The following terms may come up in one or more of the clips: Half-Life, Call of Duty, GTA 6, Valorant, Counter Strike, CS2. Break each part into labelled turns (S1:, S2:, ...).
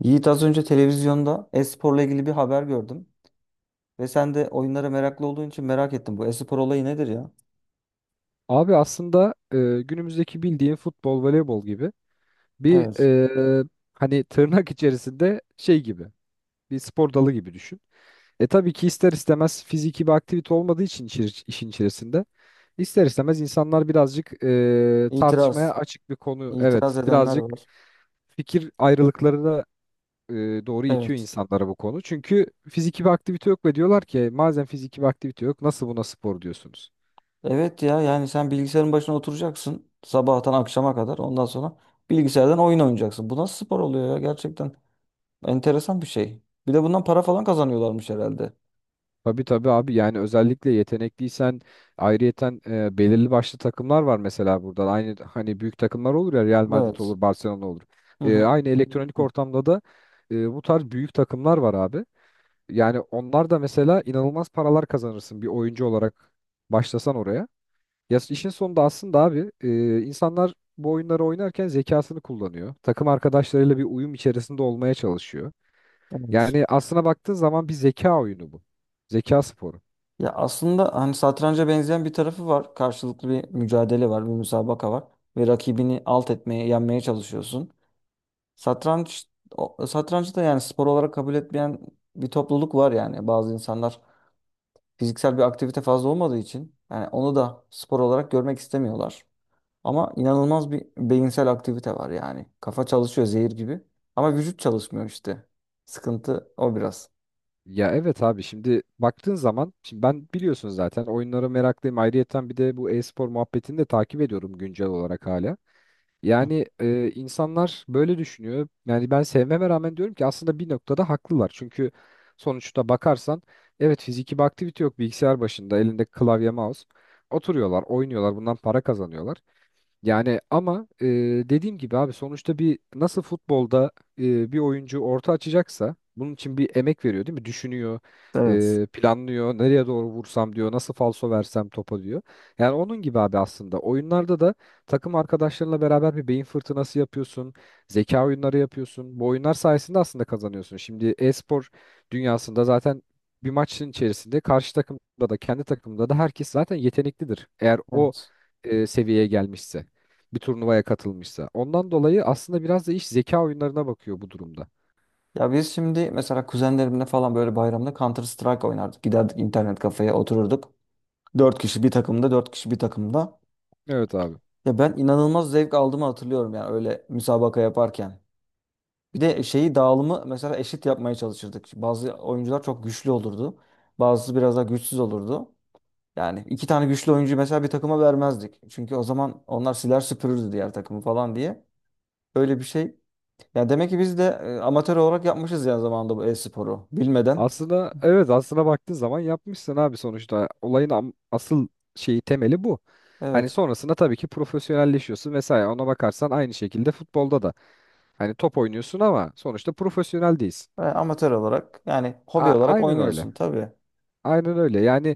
S1: Yiğit az önce televizyonda e-sporla ilgili bir haber gördüm. Ve sen de oyunlara meraklı olduğun için merak ettim. Bu e-spor olayı nedir ya?
S2: Abi aslında günümüzdeki bildiğin futbol, voleybol gibi bir
S1: Evet.
S2: e, hani tırnak içerisinde şey gibi bir spor dalı gibi düşün. E tabii ki ister istemez fiziki bir aktivite olmadığı için işin içerisinde ister istemez insanlar birazcık tartışmaya
S1: İtiraz.
S2: açık bir konu.
S1: İtiraz
S2: Evet
S1: edenler
S2: birazcık
S1: var.
S2: fikir ayrılıklarına e, doğru itiyor
S1: Evet.
S2: insanlara bu konu. Çünkü fiziki bir aktivite yok ve diyorlar ki "E, madem fiziki bir aktivite yok nasıl buna spor diyorsunuz?"
S1: Evet ya yani sen bilgisayarın başına oturacaksın. Sabahtan akşama kadar. Ondan sonra bilgisayardan oyun oynayacaksın. Bu nasıl spor oluyor ya? Gerçekten enteresan bir şey. Bir de bundan para falan kazanıyorlarmış herhalde.
S2: Tabii tabii abi, yani özellikle yetenekliysen ayrıyeten belirli başlı takımlar var mesela burada. Aynı hani büyük takımlar olur ya, Real Madrid
S1: Evet.
S2: olur, Barcelona olur.
S1: Hı hı.
S2: Aynı, hı hı, elektronik ortamda da bu tarz büyük takımlar var abi. Yani onlar da mesela inanılmaz paralar kazanırsın bir oyuncu olarak başlasan oraya. Ya işin sonunda aslında abi, insanlar bu oyunları oynarken zekasını kullanıyor. Takım arkadaşlarıyla bir uyum içerisinde olmaya çalışıyor.
S1: Evet.
S2: Yani aslına baktığın zaman bir zeka oyunu bu. Zeka sporu.
S1: Ya aslında hani satranca benzeyen bir tarafı var. Karşılıklı bir mücadele var, bir müsabaka var ve rakibini alt etmeye, yenmeye çalışıyorsun. Satranç satrancı da yani spor olarak kabul etmeyen bir topluluk var yani. Bazı insanlar fiziksel bir aktivite fazla olmadığı için yani onu da spor olarak görmek istemiyorlar. Ama inanılmaz bir beyinsel aktivite var yani. Kafa çalışıyor zehir gibi ama vücut çalışmıyor işte. Sıkıntı o biraz.
S2: Ya evet abi, şimdi baktığın zaman şimdi ben biliyorsun zaten oyunlara meraklıyım. Ayrıyeten bir de bu e-spor muhabbetini de takip ediyorum güncel olarak hala. Yani insanlar böyle düşünüyor. Yani ben sevmeme rağmen diyorum ki aslında bir noktada haklılar. Çünkü sonuçta bakarsan evet, fiziki bir aktivite yok, bilgisayar başında elinde klavye mouse. Oturuyorlar, oynuyorlar, bundan para kazanıyorlar. Yani ama dediğim gibi abi sonuçta bir, nasıl futbolda bir oyuncu orta açacaksa bunun için bir emek veriyor, değil mi? Düşünüyor,
S1: Evet.
S2: planlıyor, nereye doğru vursam diyor, nasıl falso versem topa diyor. Yani onun gibi abi aslında oyunlarda da takım arkadaşlarınla beraber bir beyin fırtınası yapıyorsun, zeka oyunları yapıyorsun. Bu oyunlar sayesinde aslında kazanıyorsun. Şimdi e-spor dünyasında zaten bir maçın içerisinde karşı takımda da kendi takımda da herkes zaten yeteneklidir. Eğer o
S1: Evet.
S2: seviyeye gelmişse, bir turnuvaya katılmışsa. Ondan dolayı aslında biraz da iş zeka oyunlarına bakıyor bu durumda.
S1: Ya biz şimdi mesela kuzenlerimle falan böyle bayramda Counter Strike oynardık. Giderdik internet kafeye otururduk. Dört kişi bir takımda, dört kişi bir takımda.
S2: Evet abi.
S1: Ya ben inanılmaz zevk aldığımı hatırlıyorum yani öyle müsabaka yaparken. Bir de şeyi dağılımı mesela eşit yapmaya çalışırdık. Bazı oyuncular çok güçlü olurdu. Bazısı biraz daha güçsüz olurdu. Yani iki tane güçlü oyuncuyu mesela bir takıma vermezdik. Çünkü o zaman onlar siler süpürürdü diğer takımı falan diye. Öyle bir şey. Yani demek ki biz de amatör olarak yapmışız yani zamanında bu e-sporu bilmeden.
S2: Aslında evet, aslına baktığın zaman yapmışsın abi sonuçta. Olayın asıl şeyi, temeli bu. Hani
S1: Evet.
S2: sonrasında tabii ki profesyonelleşiyorsun vesaire. Ona bakarsan aynı şekilde futbolda da. Hani top oynuyorsun ama sonuçta profesyonel değilsin.
S1: Ve amatör olarak yani hobi olarak
S2: Aynen öyle.
S1: oynuyorsun tabii.
S2: Aynen öyle. Yani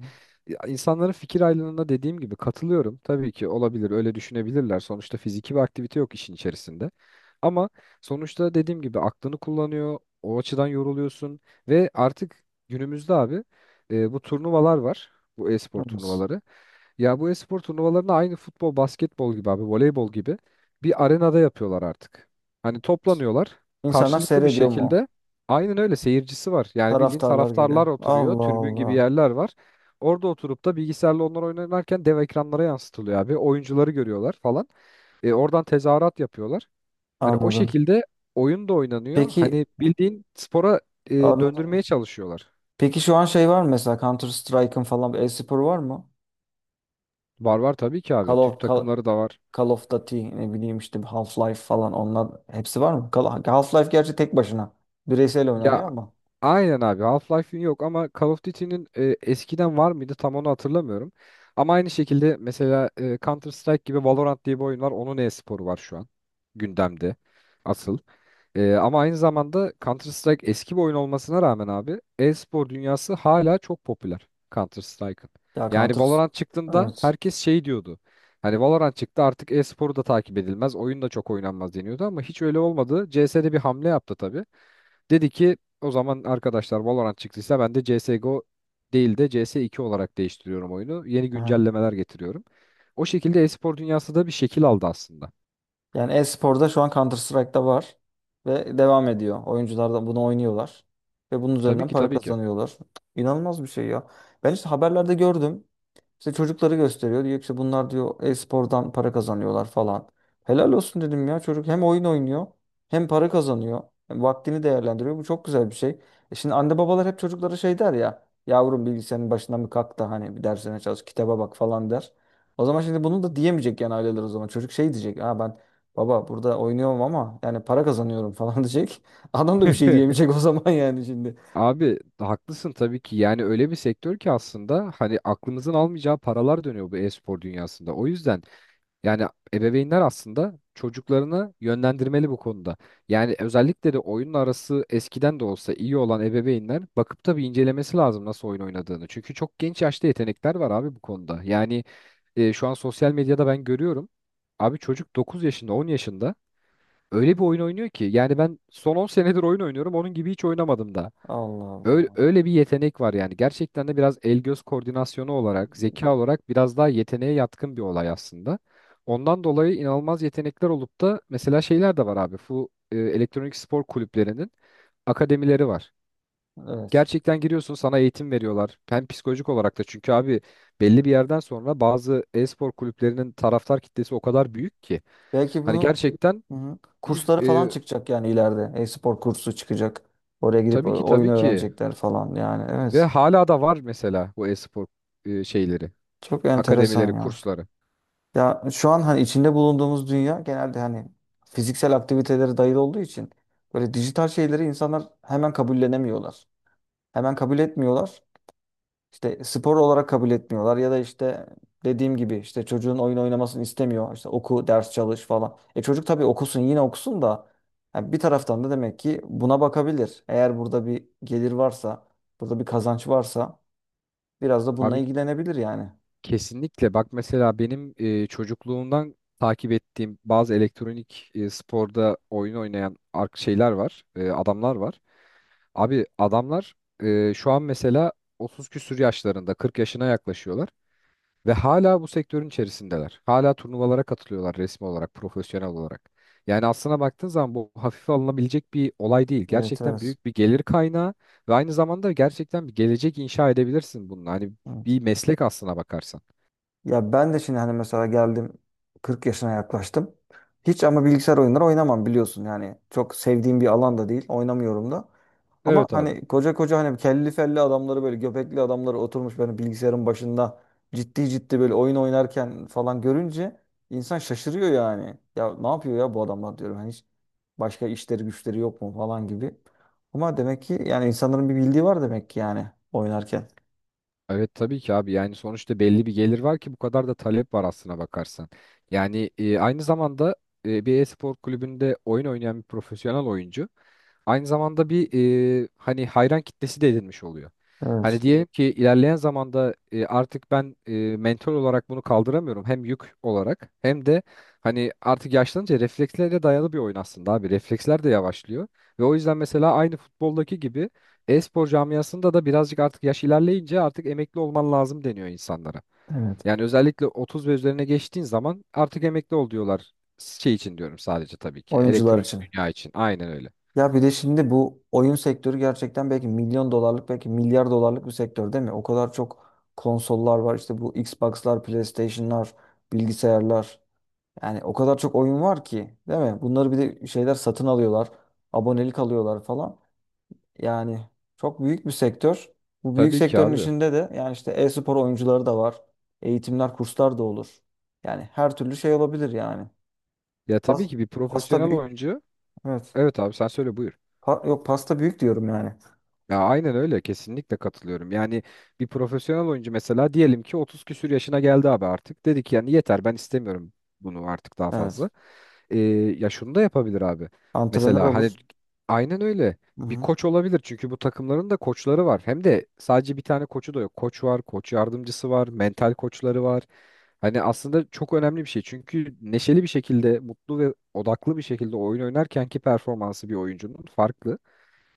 S2: insanların fikir ayrılığına dediğim gibi katılıyorum. Tabii ki olabilir, öyle düşünebilirler. Sonuçta fiziki bir aktivite yok işin içerisinde. Ama sonuçta dediğim gibi aklını kullanıyor, o açıdan yoruluyorsun ve artık günümüzde abi, bu turnuvalar var. Bu e-spor
S1: Evet.
S2: turnuvaları. Ya, bu espor turnuvalarını aynı futbol, basketbol gibi abi, voleybol gibi bir arenada yapıyorlar artık. Hani toplanıyorlar
S1: İnsanlar
S2: karşılıklı bir
S1: seyrediyor mu?
S2: şekilde. Aynen öyle, seyircisi var. Yani bildiğin
S1: Taraftarlar geliyor.
S2: taraftarlar oturuyor,
S1: Allah
S2: tribün gibi
S1: Allah.
S2: yerler var. Orada oturup da bilgisayarla onlar oynarken dev ekranlara yansıtılıyor abi. Oyuncuları görüyorlar falan. Oradan tezahürat yapıyorlar. Hani o
S1: Anladım.
S2: şekilde oyun da oynanıyor.
S1: Peki
S2: Hani bildiğin spora
S1: anladım.
S2: döndürmeye çalışıyorlar.
S1: Peki şu an şey var mı mesela Counter Strike'ın falan bir e-spor var mı?
S2: Var var tabii ki abi.
S1: Call
S2: Türk
S1: of, Call,
S2: takımları da var.
S1: Call of Duty ne bileyim işte Half-Life falan onlar hepsi var mı? Half-Life gerçi tek başına bireysel
S2: Ya,
S1: oynanıyor ama
S2: aynen abi, Half-Life'in yok ama Call of Duty'nin eskiden var mıydı tam onu hatırlamıyorum. Ama aynı şekilde mesela Counter Strike gibi Valorant diye bir oyun var. Onun e-sporu var şu an gündemde asıl. Ama aynı zamanda Counter Strike eski bir oyun olmasına rağmen abi e-spor dünyası hala çok popüler Counter Strike'ın.
S1: ya
S2: Yani
S1: Counter
S2: Valorant çıktığında
S1: evet.
S2: herkes şey diyordu. Hani Valorant çıktı artık e-sporu da takip edilmez, oyun da çok oynanmaz deniyordu ama hiç öyle olmadı. CS'de bir hamle yaptı tabii. Dedi ki o zaman arkadaşlar Valorant çıktıysa ben de CSGO değil de CS2 olarak değiştiriyorum oyunu. Yeni
S1: Hı.
S2: güncellemeler getiriyorum. O şekilde e-spor dünyası da bir şekil aldı aslında.
S1: Yani e-sporda şu an Counter Strike'da var ve devam ediyor. Oyuncular da bunu oynuyorlar ve bunun
S2: Tabii
S1: üzerinden
S2: ki
S1: para
S2: tabii ki.
S1: kazanıyorlar. İnanılmaz bir şey ya. Ben işte haberlerde gördüm. İşte çocukları gösteriyor. Diyor ki işte bunlar diyor e-spordan para kazanıyorlar falan. Helal olsun dedim ya çocuk hem oyun oynuyor hem para kazanıyor. Hem vaktini değerlendiriyor. Bu çok güzel bir şey. E şimdi anne babalar hep çocuklara şey der ya. Yavrum bilgisayarın başından bir kalk da hani bir dersine çalış kitaba bak falan der. O zaman şimdi bunu da diyemeyecek yani aileler o zaman. Çocuk şey diyecek. Ha ben baba burada oynuyorum ama yani para kazanıyorum falan diyecek. Adam da bir şey diyemeyecek o zaman yani şimdi.
S2: Abi haklısın tabii ki. Yani öyle bir sektör ki aslında hani aklınızın almayacağı paralar dönüyor bu e-spor dünyasında. O yüzden. Yani ebeveynler aslında çocuklarını yönlendirmeli bu konuda. Yani özellikle de oyunla arası eskiden de olsa iyi olan ebeveynler bakıp tabii incelemesi lazım nasıl oyun oynadığını. Çünkü çok genç yaşta yetenekler var abi bu konuda. Yani şu an sosyal medyada ben görüyorum. Abi çocuk 9 yaşında, 10 yaşında öyle bir oyun oynuyor ki. Yani ben son 10 senedir oyun oynuyorum onun gibi hiç oynamadım da.
S1: Allah
S2: Öyle,
S1: Allah.
S2: öyle bir yetenek var yani. Gerçekten de biraz el göz koordinasyonu olarak, zeka olarak biraz daha yeteneğe yatkın bir olay aslında. Ondan dolayı inanılmaz yetenekler olup da mesela şeyler de var abi. Bu elektronik spor kulüplerinin akademileri var.
S1: Evet.
S2: Gerçekten giriyorsun, sana eğitim veriyorlar. Hem psikolojik olarak da çünkü abi belli bir yerden sonra bazı e-spor kulüplerinin taraftar kitlesi o kadar büyük ki.
S1: Belki
S2: Hani
S1: bunu
S2: gerçekten
S1: Hı hı.
S2: bir
S1: kursları falan
S2: e,
S1: çıkacak yani ileride. E-spor kursu çıkacak. Oraya gidip
S2: tabii ki
S1: oyun
S2: tabii ki
S1: öğrenecekler falan yani.
S2: ve
S1: Evet.
S2: hala da var mesela bu e-spor şeyleri,
S1: Çok enteresan
S2: akademileri,
S1: ya.
S2: kursları.
S1: Ya şu an hani içinde bulunduğumuz dünya genelde hani fiziksel aktivitelere dayalı olduğu için böyle dijital şeyleri insanlar hemen kabullenemiyorlar. Hemen kabul etmiyorlar. İşte spor olarak kabul etmiyorlar ya da işte dediğim gibi işte çocuğun oyun oynamasını istemiyor. İşte oku, ders çalış falan. E çocuk tabii okusun yine okusun da yani bir taraftan da demek ki buna bakabilir. Eğer burada bir gelir varsa, burada bir kazanç varsa biraz da bununla
S2: Abi
S1: ilgilenebilir yani.
S2: kesinlikle bak, mesela benim çocukluğumdan takip ettiğim bazı elektronik, sporda oyun oynayan şeyler var, adamlar var. Abi adamlar şu an mesela 30 küsür yaşlarında, 40 yaşına yaklaşıyorlar. Ve hala bu sektörün içerisindeler. Hala turnuvalara katılıyorlar resmi olarak, profesyonel olarak. Yani aslına baktığın zaman bu hafife alınabilecek bir olay değil.
S1: Evet,
S2: Gerçekten
S1: evet.
S2: büyük bir gelir kaynağı ve aynı zamanda gerçekten bir gelecek inşa edebilirsin bununla. Hani
S1: Evet.
S2: bir meslek aslına bakarsan.
S1: Ya ben de şimdi hani mesela geldim 40 yaşına yaklaştım. Hiç ama bilgisayar oyunları oynamam biliyorsun yani. Çok sevdiğim bir alan da değil. Oynamıyorum da. Ama
S2: Evet abi.
S1: hani koca koca hani kelli felli adamları böyle göbekli adamları oturmuş böyle bilgisayarın başında ciddi ciddi böyle oyun oynarken falan görünce insan şaşırıyor yani. Ya ne yapıyor ya bu adamlar diyorum. Hani hiç başka işleri güçleri yok mu falan gibi. Ama demek ki yani insanların bir bildiği var demek ki yani oynarken.
S2: Evet tabii ki abi, yani sonuçta belli bir gelir var ki bu kadar da talep var aslına bakarsan. Yani aynı zamanda bir e-spor kulübünde oyun oynayan bir profesyonel oyuncu aynı zamanda bir, hani hayran kitlesi de edinmiş oluyor. Hani
S1: Evet.
S2: diyelim ki ilerleyen zamanda artık ben mental olarak bunu kaldıramıyorum hem yük olarak hem de hani artık yaşlanınca reflekslere dayalı bir oyun aslında abi, refleksler de yavaşlıyor ve o yüzden mesela aynı futboldaki gibi e-spor camiasında da birazcık artık yaş ilerleyince artık emekli olman lazım deniyor insanlara.
S1: Evet.
S2: Yani özellikle 30 ve üzerine geçtiğin zaman artık emekli ol diyorlar. Şey için diyorum sadece tabii ki.
S1: Oyuncular
S2: Elektronik
S1: için.
S2: dünya için. Aynen öyle.
S1: Ya bir de şimdi bu oyun sektörü gerçekten belki milyon dolarlık belki milyar dolarlık bir sektör değil mi? O kadar çok konsollar var işte bu Xbox'lar, PlayStation'lar, bilgisayarlar. Yani o kadar çok oyun var ki değil mi? Bunları bir de şeyler satın alıyorlar. Abonelik alıyorlar falan. Yani çok büyük bir sektör. Bu büyük
S2: Tabii ki
S1: sektörün
S2: abi.
S1: içinde de yani işte e-spor oyuncuları da var. Eğitimler, kurslar da olur. Yani her türlü şey olabilir yani.
S2: Ya tabii
S1: Pas-
S2: ki bir
S1: Pasta
S2: profesyonel
S1: büyük.
S2: oyuncu.
S1: Evet.
S2: Evet abi sen söyle, buyur.
S1: Yok pasta büyük diyorum yani.
S2: Ya aynen öyle, kesinlikle katılıyorum. Yani bir profesyonel oyuncu mesela diyelim ki 30 küsür yaşına geldi abi artık. Dedi ki yani yeter, ben istemiyorum bunu artık daha
S1: Evet.
S2: fazla. Ee, Ya şunu da yapabilir abi.
S1: Antrenör
S2: Mesela hani
S1: olur.
S2: aynen öyle, bir
S1: Hı-hı.
S2: koç olabilir çünkü bu takımların da koçları var. Hem de sadece bir tane koçu da yok. Koç var, koç yardımcısı var, mental koçları var. Hani aslında çok önemli bir şey. Çünkü neşeli bir şekilde, mutlu ve odaklı bir şekilde oyun oynarkenki performansı bir oyuncunun farklı,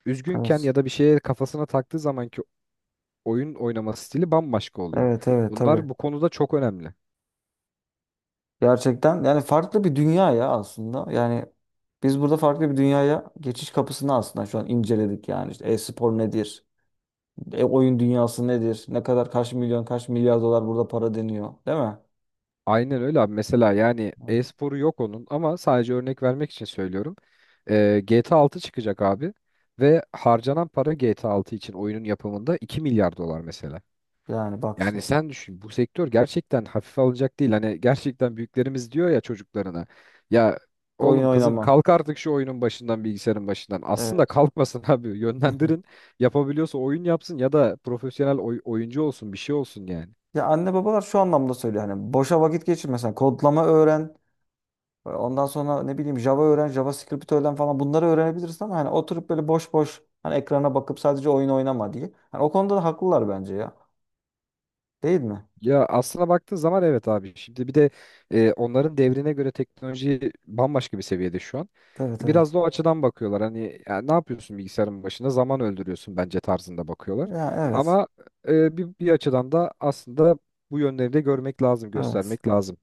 S2: üzgünken
S1: Evet.
S2: ya da bir şeye kafasına taktığı zamanki oyun oynama stili bambaşka oluyor.
S1: Evet evet tabii.
S2: Bunlar bu konuda çok önemli.
S1: Gerçekten yani farklı bir dünya ya aslında. Yani biz burada farklı bir dünyaya geçiş kapısını aslında şu an inceledik yani. İşte e-spor nedir? E oyun dünyası nedir? Ne kadar kaç milyon kaç milyar dolar burada para deniyor, değil mi?
S2: Aynen öyle abi. Mesela yani
S1: Hı.
S2: e-sporu yok onun ama sadece örnek vermek için söylüyorum. GTA 6 çıkacak abi ve harcanan para GTA 6 için oyunun yapımında 2 milyar dolar mesela.
S1: Yani bak
S2: Yani
S1: şimdi.
S2: sen düşün, bu sektör gerçekten hafife alınacak değil. Hani gerçekten büyüklerimiz diyor ya çocuklarına. Ya
S1: Oyun
S2: oğlum kızım
S1: oynama.
S2: kalk artık şu oyunun başından, bilgisayarın başından. Aslında
S1: Evet.
S2: kalkmasın abi, yönlendirin. Yapabiliyorsa oyun yapsın ya da profesyonel oyuncu olsun, bir şey olsun yani.
S1: Ya anne babalar şu anlamda söylüyor hani boşa vakit geçirme sen kodlama öğren. Ondan sonra ne bileyim Java öğren, JavaScript öğren falan bunları öğrenebilirsin ama hani oturup böyle boş boş hani ekrana bakıp sadece oyun oynama diye. Hani o konuda da haklılar bence ya. Değil mi?
S2: Ya aslına baktığın zaman evet abi. Şimdi bir de onların devrine göre teknoloji bambaşka bir seviyede şu an.
S1: Evet
S2: Biraz
S1: evet.
S2: da o açıdan bakıyorlar. Hani ya ne yapıyorsun bilgisayarın başında? Zaman öldürüyorsun bence tarzında bakıyorlar.
S1: Ya evet.
S2: Ama bir açıdan da aslında bu yönleri de görmek lazım,
S1: Evet.
S2: göstermek lazım.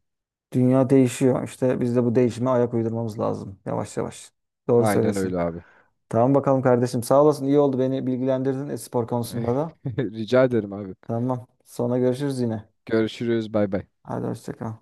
S1: Dünya değişiyor. İşte biz de bu değişime ayak uydurmamız lazım. Yavaş yavaş. Doğru
S2: Aynen
S1: söylüyorsun.
S2: öyle abi.
S1: Tamam bakalım kardeşim. Sağ olasın. İyi oldu beni bilgilendirdin e-spor konusunda da.
S2: Rica ederim abi.
S1: Tamam. Sonra görüşürüz yine.
S2: Görüşürüz. Bay bay.
S1: Hadi hoşça kal.